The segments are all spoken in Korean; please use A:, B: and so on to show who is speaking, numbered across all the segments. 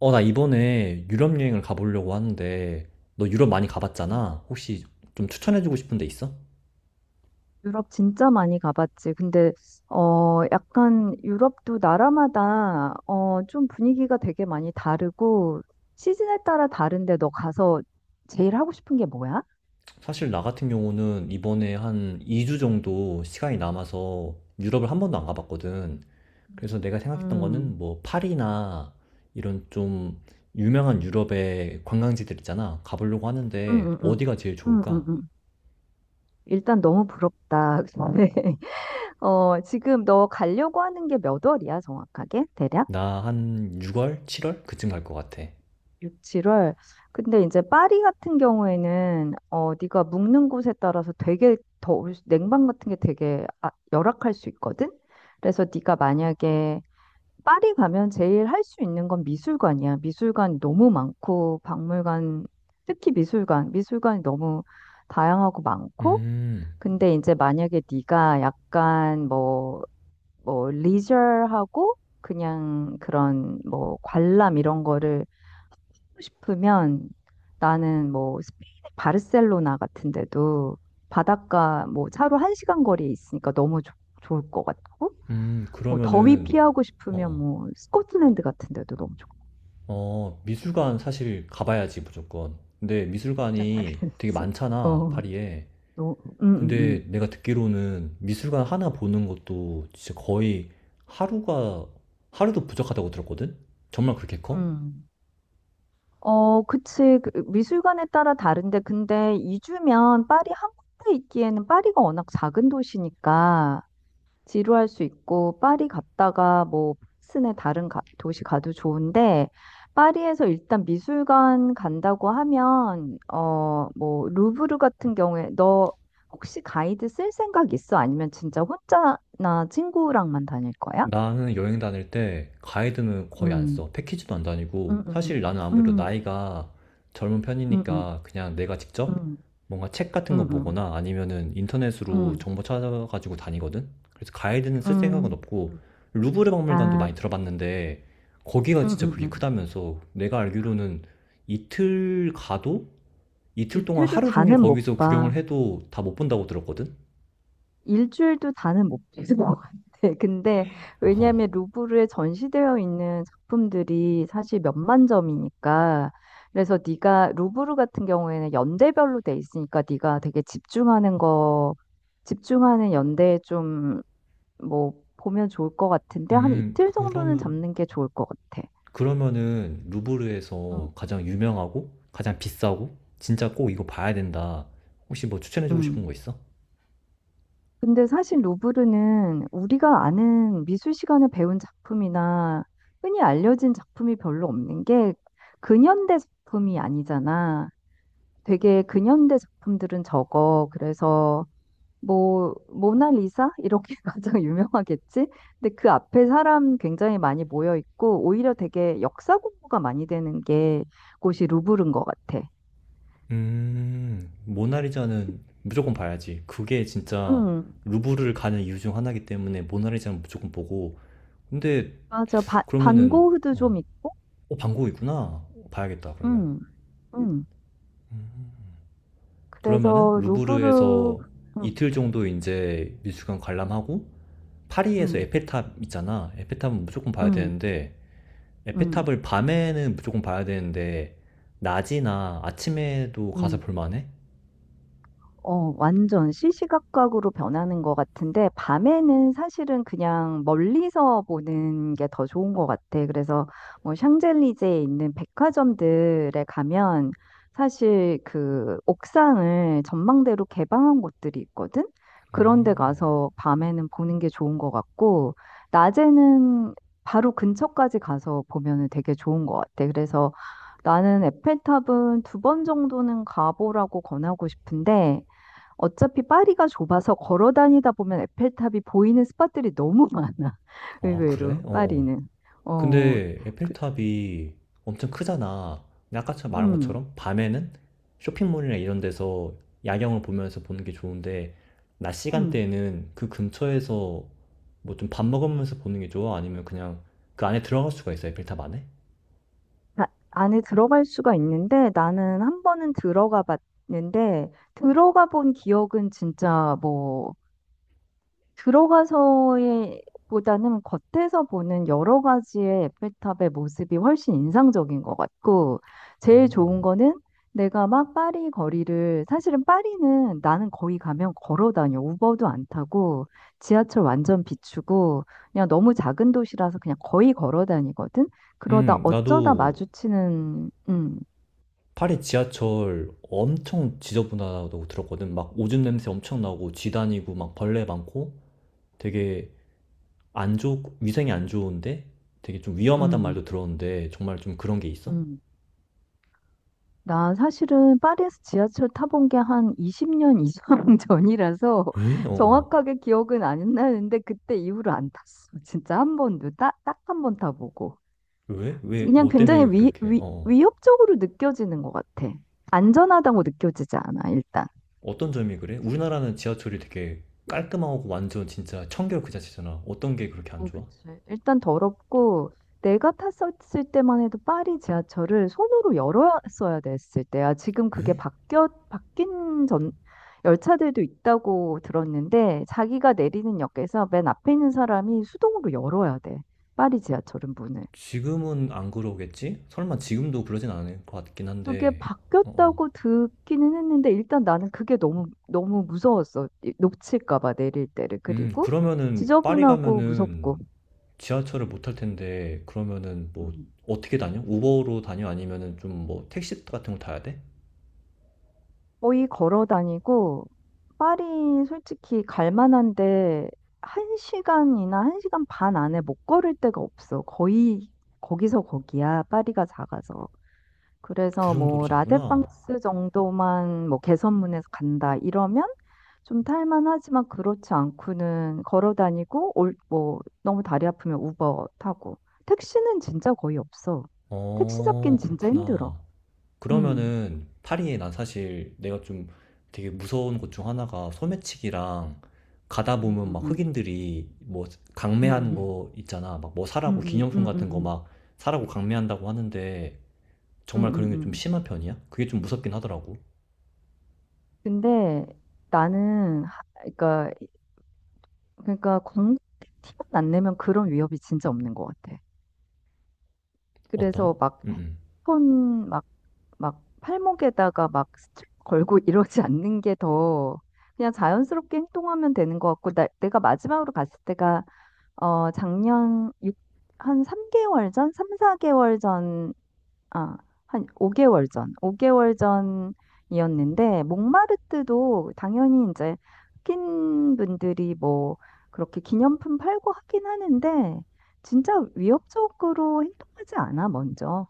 A: 나 이번에 유럽 여행을 가보려고 하는데, 너 유럽 많이
B: 음.
A: 가봤잖아. 혹시 좀 추천해주고 싶은 데 있어?
B: 유럽 진짜 많이 가봤지. 근데, 약간 유럽도 나라마다, 좀 분위기가 되게 많이 다르고, 시즌에 따라 다른데 너 가서 제일 하고 싶은 게 뭐야?
A: 사실 나 같은 경우는 이번에 한 2주 정도 시간이 남아서 유럽을 한 번도 안 가봤거든. 그래서 내가 생각했던
B: 음,
A: 거는 뭐 파리나 이런 좀 유명한 유럽의 관광지들 있잖아. 가보려고
B: 음,
A: 하는데
B: 음, 음,
A: 어디가 제일 좋을까?
B: 음. 일단 너무 부럽다. 근데, 지금 너 가려고 하는 게 몇 월이야, 정확하게? 대략?
A: 나 한 6월, 7월 그쯤 갈 것 같아.
B: 6, 7월. 근데 이제 파리 같은 경우에는 네가 묵는 곳에 따라서 되게 더 냉방 같은 게 되게 열악할 수 있거든. 그래서 네가 만약에 파리 가면 제일 할 수 있는 건 미술관이야. 미술관이 너무 많고 박물관 특히 미술관이 너무 다양하고 많고
A: 음,
B: 근데 이제 만약에 네가 약간 뭐 리저하고 그냥 그런 뭐 관람 이런 거를 싶으면 나는 뭐 스페인의 바르셀로나 같은 데도 바닷가 뭐 차로 1시간 거리에 있으니까 너무 좋을 것 같고 뭐 더위
A: 그러면은,
B: 피하고
A: 어,
B: 싶으면
A: 어.
B: 뭐 스코틀랜드 같은 데도 너무 좋고
A: 미술관 사실 가봐야지, 무조건. 근데 미술관이 되게
B: 그랬지.
A: 많잖아,
B: 어,
A: 파리에.
B: 너, 음, 음, 음.
A: 근데 내가 듣기로는 미술관 하나 보는 것도 진짜 거의 하루가, 하루도 부족하다고 들었거든? 정말 그렇게 커?
B: 음. 어, 그치. 그 미술관에 따라 다른데 근데 2주면 파리 한 군데 있기에는 파리가 워낙 작은 도시니까 지루할 수 있고 파리 갔다가 뭐 프랑스네 다른 도시 가도 좋은데 파리에서 일단 미술관 간다고 하면 뭐 루브르 같은 경우에 너 혹시 가이드 쓸 생각 있어? 아니면 진짜 혼자나 친구랑만 다닐 거야?
A: 나는 여행 다닐 때 가이드는 거의 안
B: 음.
A: 써. 패키지도 안
B: 음,
A: 다니고. 사실
B: 음,
A: 나는 아무래도
B: 음.
A: 나이가 젊은
B: 음, 음,
A: 편이니까 그냥 내가 직접
B: 음,
A: 뭔가 책 같은 거
B: 음, 음,
A: 보거나 아니면은 인터넷으로
B: 음,
A: 정보 찾아가지고 다니거든? 그래서 가이드는 쓸 생각은
B: 음.
A: 없고,
B: 음.
A: 루브르 박물관도
B: 아,
A: 많이 들어봤는데, 거기가
B: 음,
A: 진짜
B: 음,
A: 그게
B: 음.
A: 크다면서 내가 알기로는 이틀 가도 이틀 동안
B: 이틀도
A: 하루 종일
B: 다는 못
A: 거기서
B: 봐.
A: 구경을 해도 다 못 본다고 들었거든?
B: 일주일도 다는 못 봤을 것 같아. 근데
A: 어,
B: 왜냐하면 루브르에 전시되어 있는 작품들이 사실 몇만 점이니까 그래서 네가 루브르 같은 경우에는 연대별로 돼 있으니까 네가 되게 집중하는 거 집중하는 연대에 좀 뭐 보면 좋을 것 같은데 한
A: 음,
B: 이틀 정도는
A: 그러면
B: 잡는 게 좋을 것 같아.
A: 그러면은
B: 음.
A: 루브르에서 가장 유명하고 가장 비싸고 진짜 꼭 이거 봐야 된다. 혹시 뭐 추천해주고 싶은 거
B: 음.
A: 있어?
B: 근데 사실 루브르는 우리가 아는 미술 시간에 배운 작품이나 흔히 알려진 작품이 별로 없는 게 근현대 작품이 아니잖아. 되게 근현대 작품들은 적어. 그래서 뭐 모나리사 이렇게 가장 유명하겠지? 근데 그 앞에 사람 굉장히 많이 모여 있고 오히려 되게 역사 공부가 많이 되는 게 곳이 루브르인 것 같아.
A: 모나리자는 무조건 봐야지. 그게 진짜
B: 음,
A: 루브르를 가는 이유 중 하나이기 때문에 모나리자는 무조건 보고. 근데
B: 맞아. 반
A: 그러면은
B: 고흐도 좀 있고.
A: 반고이구나. 봐야겠다. 그러면.
B: 음, 음.
A: 음. 그러면은
B: 그래서 루브르
A: 루브르에서
B: 음,
A: 이틀 정도 이제 미술관 관람하고 파리에서
B: 음,
A: 에펠탑 있잖아. 에펠탑은 무조건 봐야
B: 음,
A: 되는데
B: 음,
A: 에펠탑을 밤에는 무조건 봐야 되는데 낮이나 아침에도 가서
B: 음.
A: 볼만해?
B: 완전 시시각각으로 변하는 것 같은데, 밤에는 사실은 그냥 멀리서 보는 게 더 좋은 것 같아. 그래서 뭐 샹젤리제에 있는 백화점들에 가면 사실 그 옥상을 전망대로 개방한 곳들이 있거든? 그런 데 가서 밤에는 보는 게 좋은 것 같고, 낮에는 바로 근처까지 가서 보면은 되게 좋은 것 같아. 그래서 나는 에펠탑은 2번 정도는 가보라고 권하고 싶은데, 어차피 파리가 좁아서 걸어 다니다 보면 에펠탑이 보이는 스팟들이 너무 많아.
A: 아 그래?
B: 의외로
A: 어어.
B: 파리는. 어,
A: 근데
B: 그,
A: 에펠탑이 엄청 크잖아. 근데 아까 처럼 말한
B: 음,
A: 것처럼 밤에는 쇼핑몰이나 이런 데서 야경을 보면서 보는 게 좋은데 낮
B: 음.
A: 시간대에는 그 근처에서 뭐 좀 밥 먹으면서 보는 게 좋아? 아니면 그냥 그 안에 들어갈 수가 있어? 에펠탑 안에?
B: 안에 들어갈 수가 있는데 나는 한 번은 들어가 봤는데 들어가 본 기억은 진짜 뭐 들어가서의 보다는 겉에서 보는 여러 가지의 에펠탑의 모습이 훨씬 인상적인 것 같고, 제일
A: 오.
B: 좋은 거는 내가 막 파리 거리를, 사실은 파리는 나는 거기 가면 걸어 다녀. 우버도 안 타고, 지하철 완전 비추고, 그냥 너무 작은 도시라서 그냥 거의 걸어 다니거든? 그러다 어쩌다
A: 나도
B: 마주치는,
A: 파리 지하철 엄청 지저분하다고 들었거든. 막 오줌 냄새 엄청 나고 쥐다니고 막 벌레 많고 되게 안 좋, 위생이 안 좋은데 되게 좀 위험하단 말도
B: 음,
A: 들었는데 정말 좀 그런 게 있어?
B: 음. 나 사실은 파리에서 지하철 타본 게 한 20년 이상 전이라서
A: 에? 어, 어.
B: 정확하게 기억은 안 나는데 그때 이후로 안 탔어. 진짜 한 번도 딱 한 번 타보고.
A: 왜? 왜?
B: 그냥
A: 뭐
B: 굉장히
A: 때문에 그렇게? 어. 어.
B: 위협적으로 느껴지는 것 같아. 안전하다고 느껴지지 않아, 일단.
A: 어떤 점이 그래? 우리나라는 지하철이 되게 깔끔하고 완전 진짜 청결 그 자체잖아. 어떤 게 그렇게 안
B: 어,
A: 좋아?
B: 그치. 일단 더럽고, 내가 탔었을 때만 해도 파리 지하철을 손으로 열었어야 됐을 때야. 지금 그게
A: 에?
B: 바뀐 전, 열차들도 있다고 들었는데, 자기가 내리는 역에서 맨 앞에 있는 사람이 수동으로 열어야 돼. 파리 지하철은 문을.
A: 지금은 안 그러겠지? 설마 지금도 그러진 않을 것 같긴
B: 그게
A: 한데. 어,
B: 바뀌었다고
A: 어.
B: 듣기는 했는데, 일단 나는 그게 너무, 너무 무서웠어. 놓칠까 봐, 내릴 때를. 그리고
A: 그러면은 파리
B: 지저분하고
A: 가면은
B: 무섭고.
A: 지하철을 못 탈 텐데 그러면은 뭐
B: 음.
A: 어떻게 다녀? 우버로 다녀? 아니면은 좀 뭐 택시 같은 걸 타야 돼?
B: 거의 걸어 다니고, 파리 솔직히 갈 만한데, 한 시간이나 한 시간 반 안에 못 걸을 데가 없어. 거의 거기서 거기야, 파리가 작아서.
A: 그
B: 그래서
A: 정도로
B: 뭐,
A: 잡구나.
B: 라데팡스 정도만 뭐, 개선문에서 간다, 이러면 좀 탈만하지만 그렇지 않고는 걸어 다니고, 뭐, 너무 다리 아프면 우버 타고. 택시는 진짜 거의 없어. 택시
A: 어,
B: 잡긴 진짜 힘들어.
A: 그렇구나.
B: 음.
A: 그러면은 파리에 난 사실 내가 좀 되게 무서운 것 중 하나가 소매치기랑 가다
B: 음,
A: 보면
B: 음,
A: 막
B: 음.
A: 흑인들이 뭐 강매하는
B: 음.
A: 거 있잖아. 막 뭐
B: 음,
A: 사라고
B: 음,
A: 기념품
B: 음,
A: 같은 거
B: 음,
A: 막 사라고 강매한다고 하는데
B: 음,
A: 정말 그런
B: 음,
A: 게 좀
B: 음.
A: 심한 편이야? 그게 좀 무섭긴 하더라고.
B: 근데 나는 그러니까 광 티만 안 내면 그런 위협이 진짜 없는 것 같아.
A: 어떤?
B: 그래서 막
A: 응
B: 핸드폰 막 팔목에다가 막 스트랩 걸고 이러지 않는 게 더 그냥 자연스럽게 행동하면 되는 것 같고 내가 마지막으로 갔을 때가 작년 육한 3개월 전, 3, 4개월 아, 한 5개월 전, 5개월 전이었는데, 몽마르트도 당연히 이제 흑인 분들이 뭐 그렇게 기념품 팔고 하긴 하는데, 진짜 위협적으로 행동하지 않아, 먼저.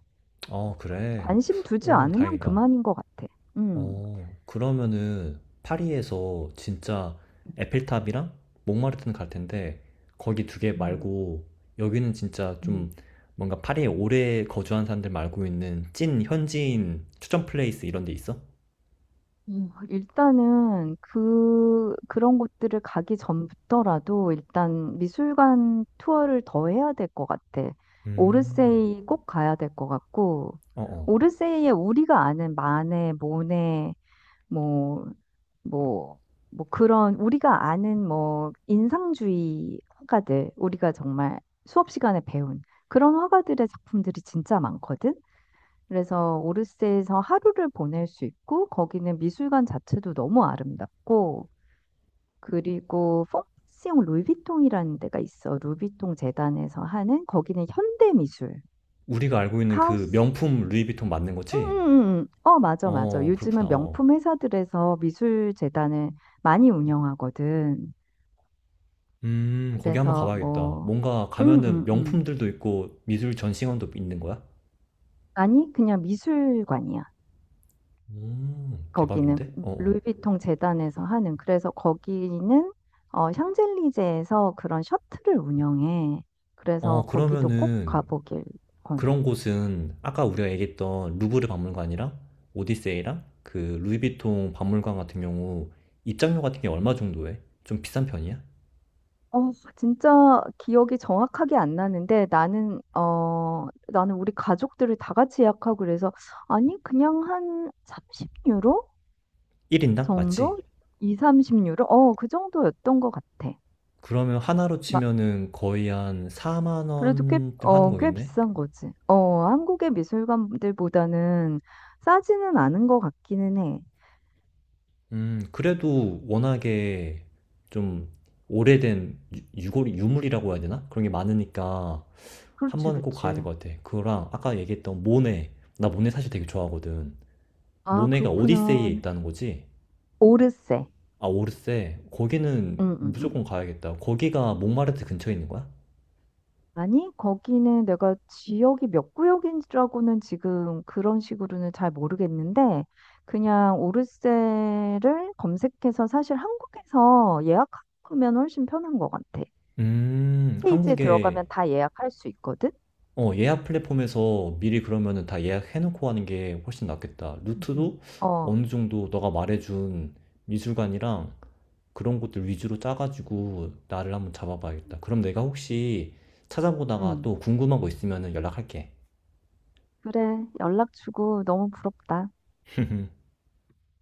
A: 아 그래.
B: 관심 두지
A: 오
B: 않으면
A: 다행이다.
B: 그만인 것 같아. 음,
A: 어 그러면은 파리에서 진짜 에펠탑이랑 몽마르트는 갈 텐데 거기 두 개
B: 음,
A: 말고 여기는 진짜
B: 음.
A: 좀 뭔가 파리에 오래 거주한 사람들 말고 있는 찐 현지인 추천 플레이스 이런 데 있어?
B: 일단은 그런 곳들을 가기 전부터라도 일단 미술관 투어를 더 해야 될 것 같아.
A: 음.
B: 오르세이 꼭 가야 될 것 같고
A: 어어.
B: 오르세이에 우리가 아는 마네, 모네 뭐 뭐 뭐 그런 우리가 아는 뭐 인상주의 화가들 우리가 정말 수업 시간에 배운 그런 화가들의 작품들이 진짜 많거든. 그래서 오르세에서 하루를 보낼 수 있고 거기는 미술관 자체도 너무 아름답고 그리고 퐁시옹 루이비통이라는 데가 있어. 루비통 재단에서 하는 거기는 현대 미술,
A: 우리가 알고 있는 그
B: 카오스.
A: 명품 루이비통 맞는 거지?
B: 음. 어, 맞아, 맞아.
A: 어 그렇구나.
B: 요즘은
A: 어어.
B: 명품 회사들에서 미술 재단을 많이 운영하거든.
A: 거기 한번
B: 그래서
A: 가봐야겠다.
B: 뭐,
A: 뭔가
B: 음,
A: 가면은
B: 음, 음.
A: 명품들도 있고 미술 전시관도 있는 거야?
B: 아니, 그냥 미술관이야. 거기는
A: 대박인데? 어어.
B: 루이비통 재단에서 하는 그래서 거기는 샹젤리제에서 그런 셔틀을 운영해. 그래서 거기도 꼭
A: 그러면은
B: 가보길 권해.
A: 그런 곳은 아까 우리가 얘기했던 루브르 박물관이랑 오디세이랑 그 루이비통 박물관 같은 경우 입장료 같은 게 얼마 정도 해? 좀 비싼 편이야?
B: 어, 진짜 기억이 정확하게 안 나는데 나는 우리 가족들을 다 같이 예약하고 그래서 아니 그냥 한 30유로
A: 1인당? 맞지?
B: 정도? 2, 30유로? 그 정도였던 것 같아.
A: 그러면 하나로 치면은 거의 한 4만
B: 그래도 꽤,
A: 원쯤 하는
B: 어, 꽤
A: 거겠네?
B: 비싼 거지. 한국의 미술관들보다는 싸지는 않은 것 같기는 해.
A: 그래도 워낙에 좀 오래된 유물이라고 해야 되나? 그런 게 많으니까 한
B: 그렇지,
A: 번은 꼭 가야 될
B: 그렇지.
A: 것 같아. 그거랑 아까 얘기했던 모네. 나 모네 사실 되게 좋아하거든.
B: 아,
A: 모네가 오디세이에
B: 그렇구나.
A: 있다는 거지?
B: 오르세.
A: 아, 오르세. 거기는
B: 응, 응, 응.
A: 무조건 가야겠다. 거기가 몽마르트 근처에 있는 거야?
B: 아니, 거기는 내가 지역이 몇 구역인지라고는 지금 그런 식으로는 잘 모르겠는데, 그냥 오르세를 검색해서 사실 한국에서 예약하면 훨씬 편한 것 같아. 페이지에
A: 한국에
B: 들어가면 다 예약할 수 있거든?
A: 예약 플랫폼에서 미리 그러면은 다 예약해놓고 하는 게 훨씬 낫겠다.
B: 응응
A: 루트도
B: 어,
A: 어느 정도 너가 말해준 미술관이랑 그런 곳들 위주로 짜가지고 나를 한번 잡아봐야겠다. 그럼 내가 혹시 찾아보다가
B: 응.
A: 또 궁금한 거 있으면은 연락할게.
B: 그래, 연락 주고 너무 부럽다.